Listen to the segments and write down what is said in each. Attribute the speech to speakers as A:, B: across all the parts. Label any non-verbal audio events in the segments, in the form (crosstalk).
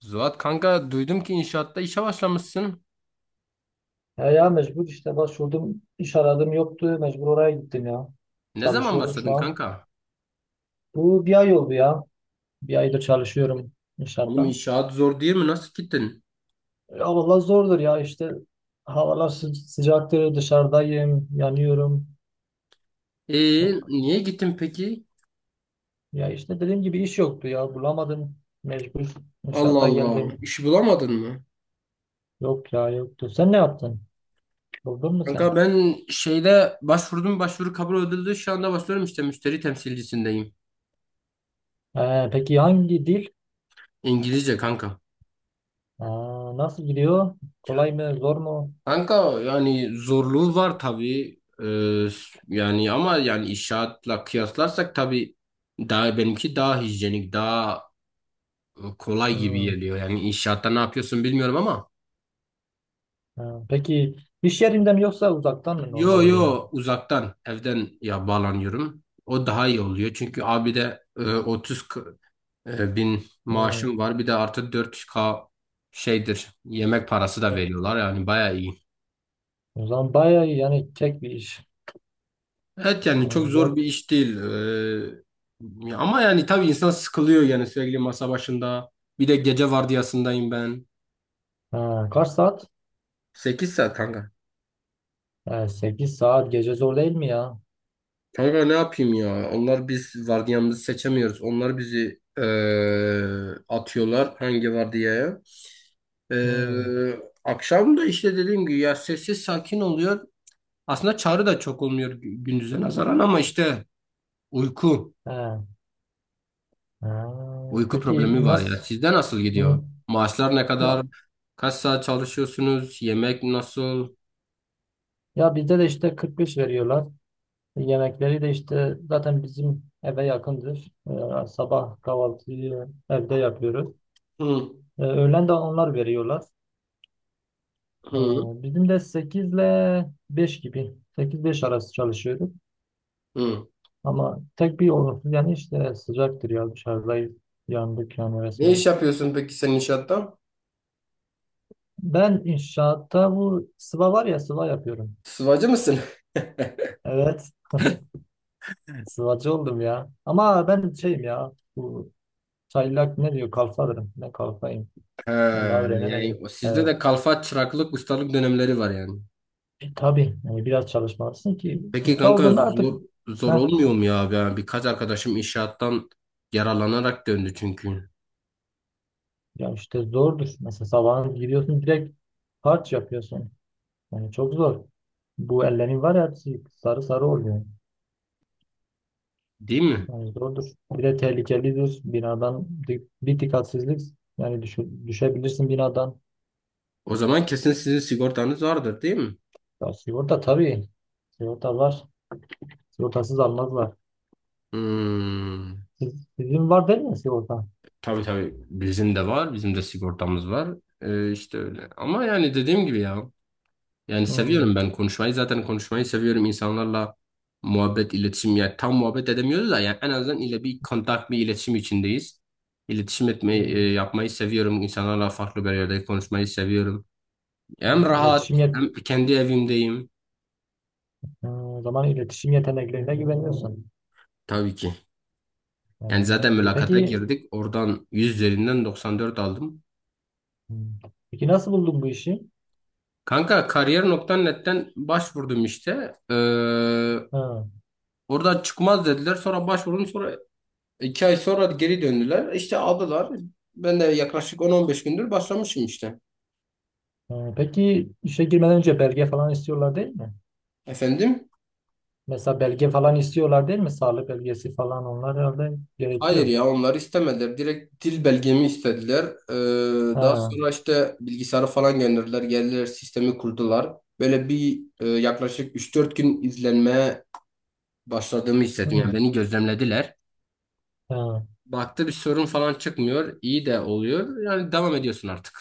A: Zuhat kanka duydum ki inşaatta işe başlamışsın.
B: Ya, ya mecbur işte başvurdum. İş aradım, yoktu. Mecbur oraya gittim ya.
A: Ne zaman
B: Çalışıyorum şu
A: başladın
B: an.
A: kanka?
B: Bu bir ay oldu ya. Bir aydır çalışıyorum
A: Oğlum
B: inşaatta.
A: inşaat zor değil mi? Nasıl gittin?
B: Ya valla zordur ya işte. Havalar sıcaktır. Dışarıdayım. Yanıyorum.
A: Ee,
B: Yok.
A: Niye gittin peki?
B: Ya işte dediğim gibi iş yoktu ya. Bulamadım. Mecbur
A: Allah
B: inşaata
A: Allah.
B: geldim.
A: İş bulamadın mı?
B: Yok ya, yoktu. Sen ne yaptın? Buldun mu sen?
A: Kanka ben şeyde başvurdum, başvuru kabul edildi. Şu anda başlıyorum, işte müşteri temsilcisindeyim.
B: Peki hangi dil?
A: İngilizce kanka.
B: Aa, nasıl gidiyor? Kolay mı? Zor mu?
A: Kanka yani zorluğu var tabii. Yani ama yani inşaatla kıyaslarsak tabii daha benimki daha hijyenik, daha kolay gibi
B: Hmm.
A: geliyor. Yani inşaatta ne yapıyorsun bilmiyorum ama
B: Ha, peki iş yerinde mi yoksa uzaktan mı normal
A: yo
B: oluyor?
A: yo, uzaktan evden ya bağlanıyorum. O daha iyi oluyor. Çünkü abi de 30 bin
B: Hmm.
A: maaşım var. Bir de artı 4K şeydir. Yemek parası da
B: e,
A: veriyorlar. Yani bayağı iyi.
B: O zaman bayağı iyi, yani tek bir iş.
A: Evet yani
B: Ha,
A: çok zor
B: güzel.
A: bir iş değil. Ama yani tabii insan sıkılıyor, yani sürekli masa başında. Bir de gece vardiyasındayım ben.
B: Ha, kaç saat?
A: 8 saat kanka.
B: Ha, 8 saat gece zor değil mi ya?
A: Kanka ne yapayım ya? Onlar, biz vardiyamızı seçemiyoruz. Onlar bizi atıyorlar hangi vardiyaya.
B: Hmm.
A: Akşam da işte dediğim gibi ya sessiz sakin oluyor. Aslında çağrı da çok olmuyor gündüze nazaran, ama işte uyku.
B: Ha, ha.
A: Uyku problemi
B: Peki
A: var ya.
B: nasıl?
A: Sizde nasıl
B: Hmm,
A: gidiyor? Maaşlar ne
B: ya,
A: kadar? Kaç saat çalışıyorsunuz? Yemek nasıl?
B: ya bizde de işte 45 veriyorlar. Yemekleri de işte zaten bizim eve yakındır. Sabah kahvaltıyı evde yapıyoruz.
A: Hı,
B: Öğlen de onlar veriyorlar. Ee,
A: hı,
B: Bizim de 8 ile 5 gibi. Sekiz beş arası çalışıyorduk.
A: hı.
B: Ama tek bir olumsuz, yani işte sıcaktır ya, dışarıdayız. Yandık yani
A: Ne
B: resmen.
A: iş yapıyorsun peki sen inşaatta?
B: Ben inşaatta bu sıva var ya, sıva yapıyorum.
A: Sıvacı mısın? (laughs)
B: Evet. (laughs) Sıvacı oldum ya. Ama ben şeyim ya. Bu çaylak ne diyor kalfalarım. Ne kalfayım.
A: He,
B: Ben daha
A: yani
B: öğrenemedim.
A: sizde de
B: Evet.
A: kalfa çıraklık ustalık dönemleri var yani.
B: E, tabii yani biraz çalışmalısın ki
A: Peki
B: usta
A: kanka,
B: olduğunda artık…
A: zor
B: Heh,
A: olmuyor mu ya abi? Yani birkaç arkadaşım inşaattan yaralanarak döndü çünkü.
B: ya işte zordur. Mesela sabahın giriyorsun, direkt harç yapıyorsun. Yani çok zor. Bu ellerin var ya, hepsi sarı sarı oluyor.
A: Değil mi?
B: Yani zordur. Bir de tehlikelidir. Binadan bir dikkatsizlik yani düşebilirsin binadan.
A: O zaman kesin sizin sigortanız vardır değil mi?
B: Ya sigorta tabii. Sigorta var. Sigortasız almazlar.
A: Hmm,
B: Siz, sizin var değil mi sigorta?
A: tabii tabii, bizim de var. Bizim de sigortamız var. İşte öyle. Ama yani dediğim gibi ya. Yani seviyorum
B: Hmm.
A: ben konuşmayı. Zaten konuşmayı seviyorum insanlarla, muhabbet, iletişim. Yani tam muhabbet edemiyoruz da yani en azından ile bir kontak, bir iletişim içindeyiz. İletişim etmeyi,
B: Hmm.
A: yapmayı seviyorum. İnsanlarla farklı bir yerde konuşmayı seviyorum. Hem
B: Ha,
A: rahat,
B: iletişim yet
A: hem kendi evimdeyim,
B: Hmm, o zaman iletişim yeteneklerine güveniyorsun.
A: tabii ki. Yani zaten
B: Hmm.
A: mülakata
B: Peki
A: girdik. Oradan 100 üzerinden 94 aldım.
B: hmm, peki nasıl buldun bu işi?
A: Kanka, kariyer.net'ten başvurdum işte.
B: Ha.
A: Orada çıkmaz dediler. Sonra başvurdum. Sonra 2 ay sonra geri döndüler. İşte aldılar. Ben de yaklaşık 10-15 gündür başlamışım işte.
B: Ha, peki işe girmeden önce belge falan istiyorlar değil mi?
A: Efendim?
B: Mesela belge falan istiyorlar değil mi? Sağlık belgesi falan onlar herhalde
A: Hayır
B: gerekiyor.
A: ya, onlar istemediler. Direkt dil belgemi istediler. Daha
B: Ha.
A: sonra işte bilgisayarı falan gönderdiler. Geldiler, sistemi kurdular. Böyle bir yaklaşık 3-4 gün izlenmeye başladığımı hissettim. Yani
B: Hı,
A: beni gözlemlediler.
B: ha.
A: Baktı bir sorun falan çıkmıyor. İyi de oluyor. Yani devam ediyorsun artık.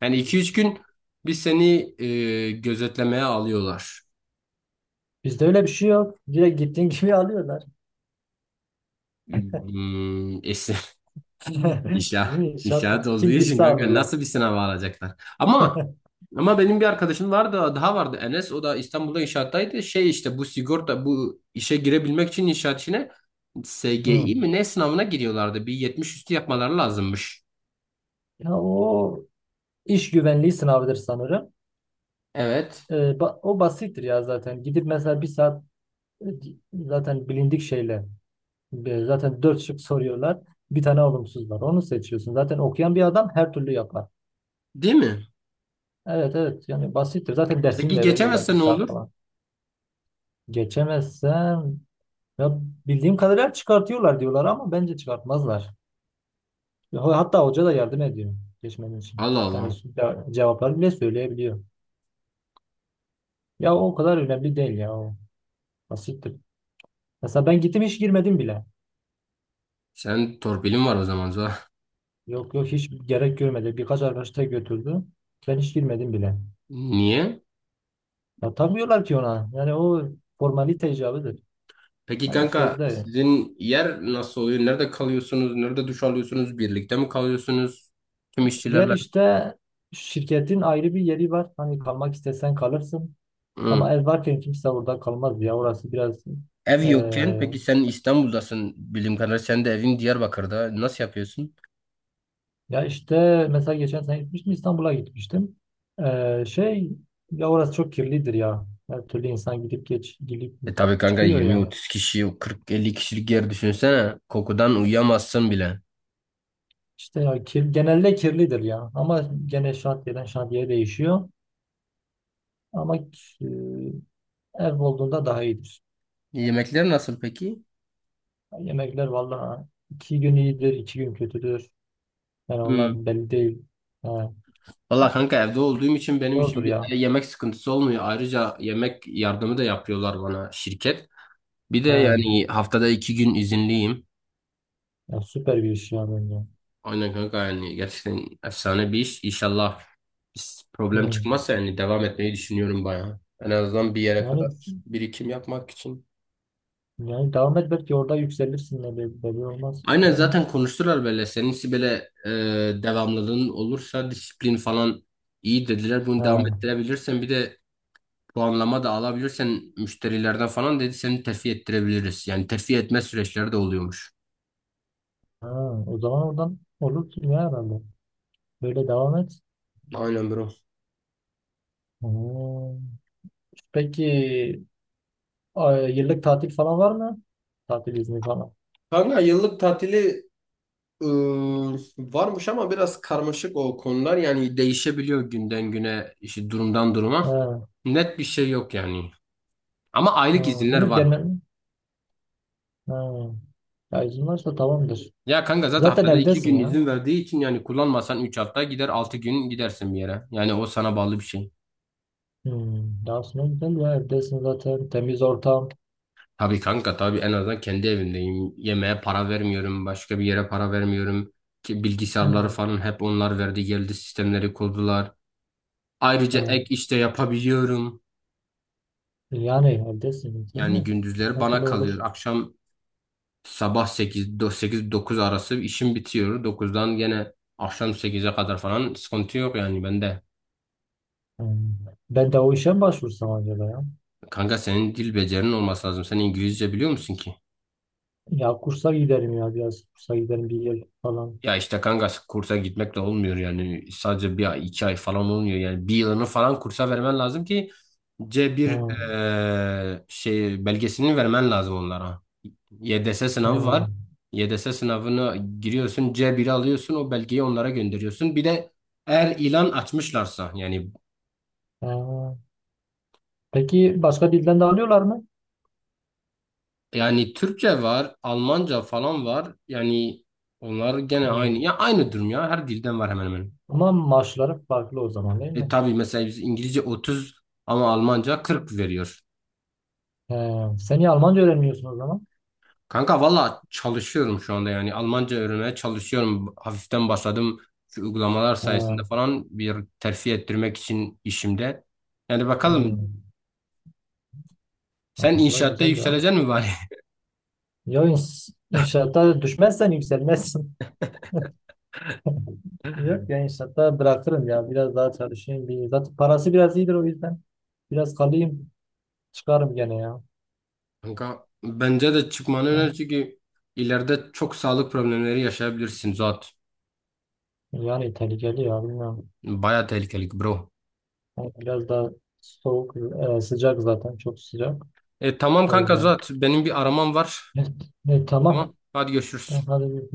A: Yani 2-3 gün bir seni gözetlemeye alıyorlar.
B: Bizde öyle bir şey yok. Direkt gittiğin gibi (laughs) alıyorlar.
A: Hmm, es-
B: (laughs)
A: İnşaat,
B: Değil mi? Şarttır.
A: inşaat olduğu
B: Kim
A: için
B: gitse
A: kanka,
B: alırlar.
A: nasıl bir sınava alacaklar? Ama ama benim bir arkadaşım vardı, daha vardı, Enes, o da İstanbul'da inşaattaydı. Şey işte, bu sigorta, bu işe girebilmek için inşaat işine
B: Hı.
A: SGI mi ne sınavına giriyorlardı. Bir 70 üstü yapmaları lazımmış.
B: Ya o iş güvenliği sınavıdır sanırım.
A: Evet.
B: Ee, O basittir ya zaten. Gidip mesela bir saat, e, zaten bilindik şeyle, zaten dört şık soruyorlar. Bir tane olumsuz var. Onu seçiyorsun. Zaten okuyan bir adam her türlü yapar.
A: Değil mi?
B: Evet, evet, yani basittir. Zaten dersini
A: Peki
B: de veriyorlar bir
A: geçemezse ne
B: saat
A: olur?
B: falan. Geçemezsem ya, bildiğim kadarıyla çıkartıyorlar diyorlar ama bence çıkartmazlar. Ya hatta hoca da yardım ediyor geçmenin için.
A: Allah
B: Yani
A: Allah.
B: cevapları bile söyleyebiliyor. Ya o kadar önemli değil ya, o basittir. Mesela ben gittim, hiç girmedim bile.
A: Sen torpilin var o zaman Zuhal.
B: Yok yok, hiç gerek görmedi. Birkaç arkadaş da götürdü. Ben hiç girmedim bile.
A: Niye?
B: Ya takmıyorlar ki ona. Yani o formalite icabıdır.
A: Peki
B: Yani
A: kanka,
B: sözde
A: sizin yer nasıl oluyor? Nerede kalıyorsunuz? Nerede duş alıyorsunuz? Birlikte mi kalıyorsunuz? Tüm
B: yer
A: işçilerle.
B: işte şirketin ayrı bir yeri var. Hani kalmak istesen kalırsın.
A: Hı.
B: Ama ev varken kimse orada kalmaz ya. Orası biraz…
A: Ev yokken
B: eee,
A: peki, sen İstanbul'dasın bildiğim kadarıyla, sen de evin Diyarbakır'da, nasıl yapıyorsun?
B: ya işte mesela geçen sene gitmiştim, İstanbul'a gitmiştim. Eee, şey Ya orası çok kirlidir ya. Her türlü insan gidip geç gidip
A: E tabii kanka,
B: çıkıyor ya.
A: 20-30 kişi, 40-50 kişilik yer düşünsene, kokudan uyuyamazsın bile.
B: İşte ya kir, genelde kirlidir ya. Ama gene şantiyeden şantiyeye değişiyor. Ama eee, ev olduğunda daha iyidir.
A: Yemekler nasıl peki?
B: Yemekler vallahi iki gün iyidir, iki gün kötüdür. Yani
A: Hmm.
B: onlar belli değil. He,
A: Valla kanka, evde olduğum için benim için
B: zordur
A: bir
B: ya.
A: yemek sıkıntısı olmuyor. Ayrıca yemek yardımı da yapıyorlar bana, şirket. Bir de
B: He.
A: yani haftada 2 gün izinliyim.
B: Ya süper bir iş ya bence.
A: Aynen kanka, yani gerçekten efsane bir iş. İnşallah biz problem
B: Hmm.
A: çıkmazsa, yani devam etmeyi düşünüyorum bayağı. En azından bir yere
B: Yani
A: kadar birikim yapmak için.
B: Yani devam et, belki orada yükselirsin de, belki belli olmaz.
A: Aynen,
B: Bilmiyorum
A: zaten
B: ki.
A: konuştular böyle. Seninkisi böyle devamlılığın olursa, disiplin falan iyi dediler. Bunu devam
B: Ha.
A: ettirebilirsen, bir de puanlama da alabilirsen müşterilerden falan, dedi, seni terfi ettirebiliriz. Yani terfi etme süreçleri de oluyormuş.
B: Ha. O zaman oradan olur ki ya herhalde. Böyle devam et.
A: Aynen bro.
B: Hmm. Peki yıllık tatil falan var mı? Tatil izni falan.
A: Kanka yıllık tatili varmış, ama biraz karmaşık o konular, yani değişebiliyor günden güne, işte durumdan duruma,
B: Ha.
A: net bir şey yok yani, ama
B: Ha.
A: aylık izinler
B: Bilmiyorum
A: var.
B: gelme. Ha. Ya izin varsa tamamdır.
A: Ya kanka, zaten
B: Zaten
A: haftada iki
B: evdesin
A: gün
B: ya.
A: izin verdiği için, yani kullanmasan 3 hafta gider, 6 gün gidersin bir yere, yani o sana bağlı bir şey.
B: Hmm. Daha sonra güzel ya, evdesin zaten. Temiz ortam.
A: Tabii kanka, tabii en azından kendi evimdeyim, yemeğe para vermiyorum, başka bir yere para vermiyorum ki. Bilgisayarları
B: Hmm.
A: falan hep onlar verdi, geldi sistemleri kurdular. Ayrıca
B: Ha.
A: ek işte yapabiliyorum,
B: Yani evdesin. Sen
A: yani
B: ne?
A: gündüzleri
B: Her
A: bana
B: türlü
A: kalıyor,
B: olur.
A: akşam Sabah 8-9 arası işim bitiyor. 9'dan gene akşam 8'e kadar falan sıkıntı yok yani bende.
B: Hmm. Ben de o işe mi başvursam acaba ya?
A: Kanka senin dil becerinin olması lazım. Sen İngilizce biliyor musun ki?
B: Ya kursa giderim ya, biraz kursa giderim bir yıl falan.
A: Ya işte kanka, kursa gitmek de olmuyor yani. Sadece bir ay, 2 ay falan olmuyor yani. Bir yılını falan kursa vermen lazım ki C1
B: Hmm.
A: şey belgesini vermen lazım onlara. YDS sınavı var.
B: Hmm.
A: YDS sınavına giriyorsun, C1'i alıyorsun, o belgeyi onlara gönderiyorsun. Bir de eğer ilan açmışlarsa yani.
B: Hmm. Peki başka dilden de alıyorlar mı?
A: Yani Türkçe var, Almanca falan var. Yani onlar gene
B: Hmm.
A: aynı. Ya aynı durum ya. Her dilden var hemen hemen.
B: Ama maaşları farklı o zaman değil
A: E
B: mi?
A: tabii, mesela biz İngilizce 30, ama Almanca 40 veriyor.
B: Hmm. Sen niye Almanca öğrenmiyorsun o zaman?
A: Kanka valla çalışıyorum şu anda yani. Almanca öğrenmeye çalışıyorum. Hafiften başladım. Şu uygulamalar sayesinde
B: Hmm.
A: falan, bir terfi ettirmek için işimde. Yani bakalım,
B: Hmm.
A: sen
B: Aslında
A: inşaatta
B: güzel ya.
A: yükseleceksin mi bari?
B: Ya inşaata düşmezsen yükselmezsin. (laughs)
A: (laughs)
B: Yok ya, inşaatta bırakırım ya. Biraz daha çalışayım. Bir, zaten parası biraz iyidir o yüzden. Biraz kalayım. Çıkarım gene ya.
A: Kanka bence de çıkmanı öner,
B: Yani…
A: çünkü ileride çok sağlık problemleri yaşayabilirsin Zuhat.
B: Yani İtalya geliyor, bilmiyorum.
A: Baya tehlikeli bro.
B: O biraz daha soğuk, sıcak zaten çok sıcak.
A: Tamam
B: O
A: kanka
B: yüzden.
A: Zuhat. Benim bir aramam var.
B: Evet, evet, tamam.
A: Tamam. Hadi görüşürüz.
B: Tamam, hadi görüşürüz.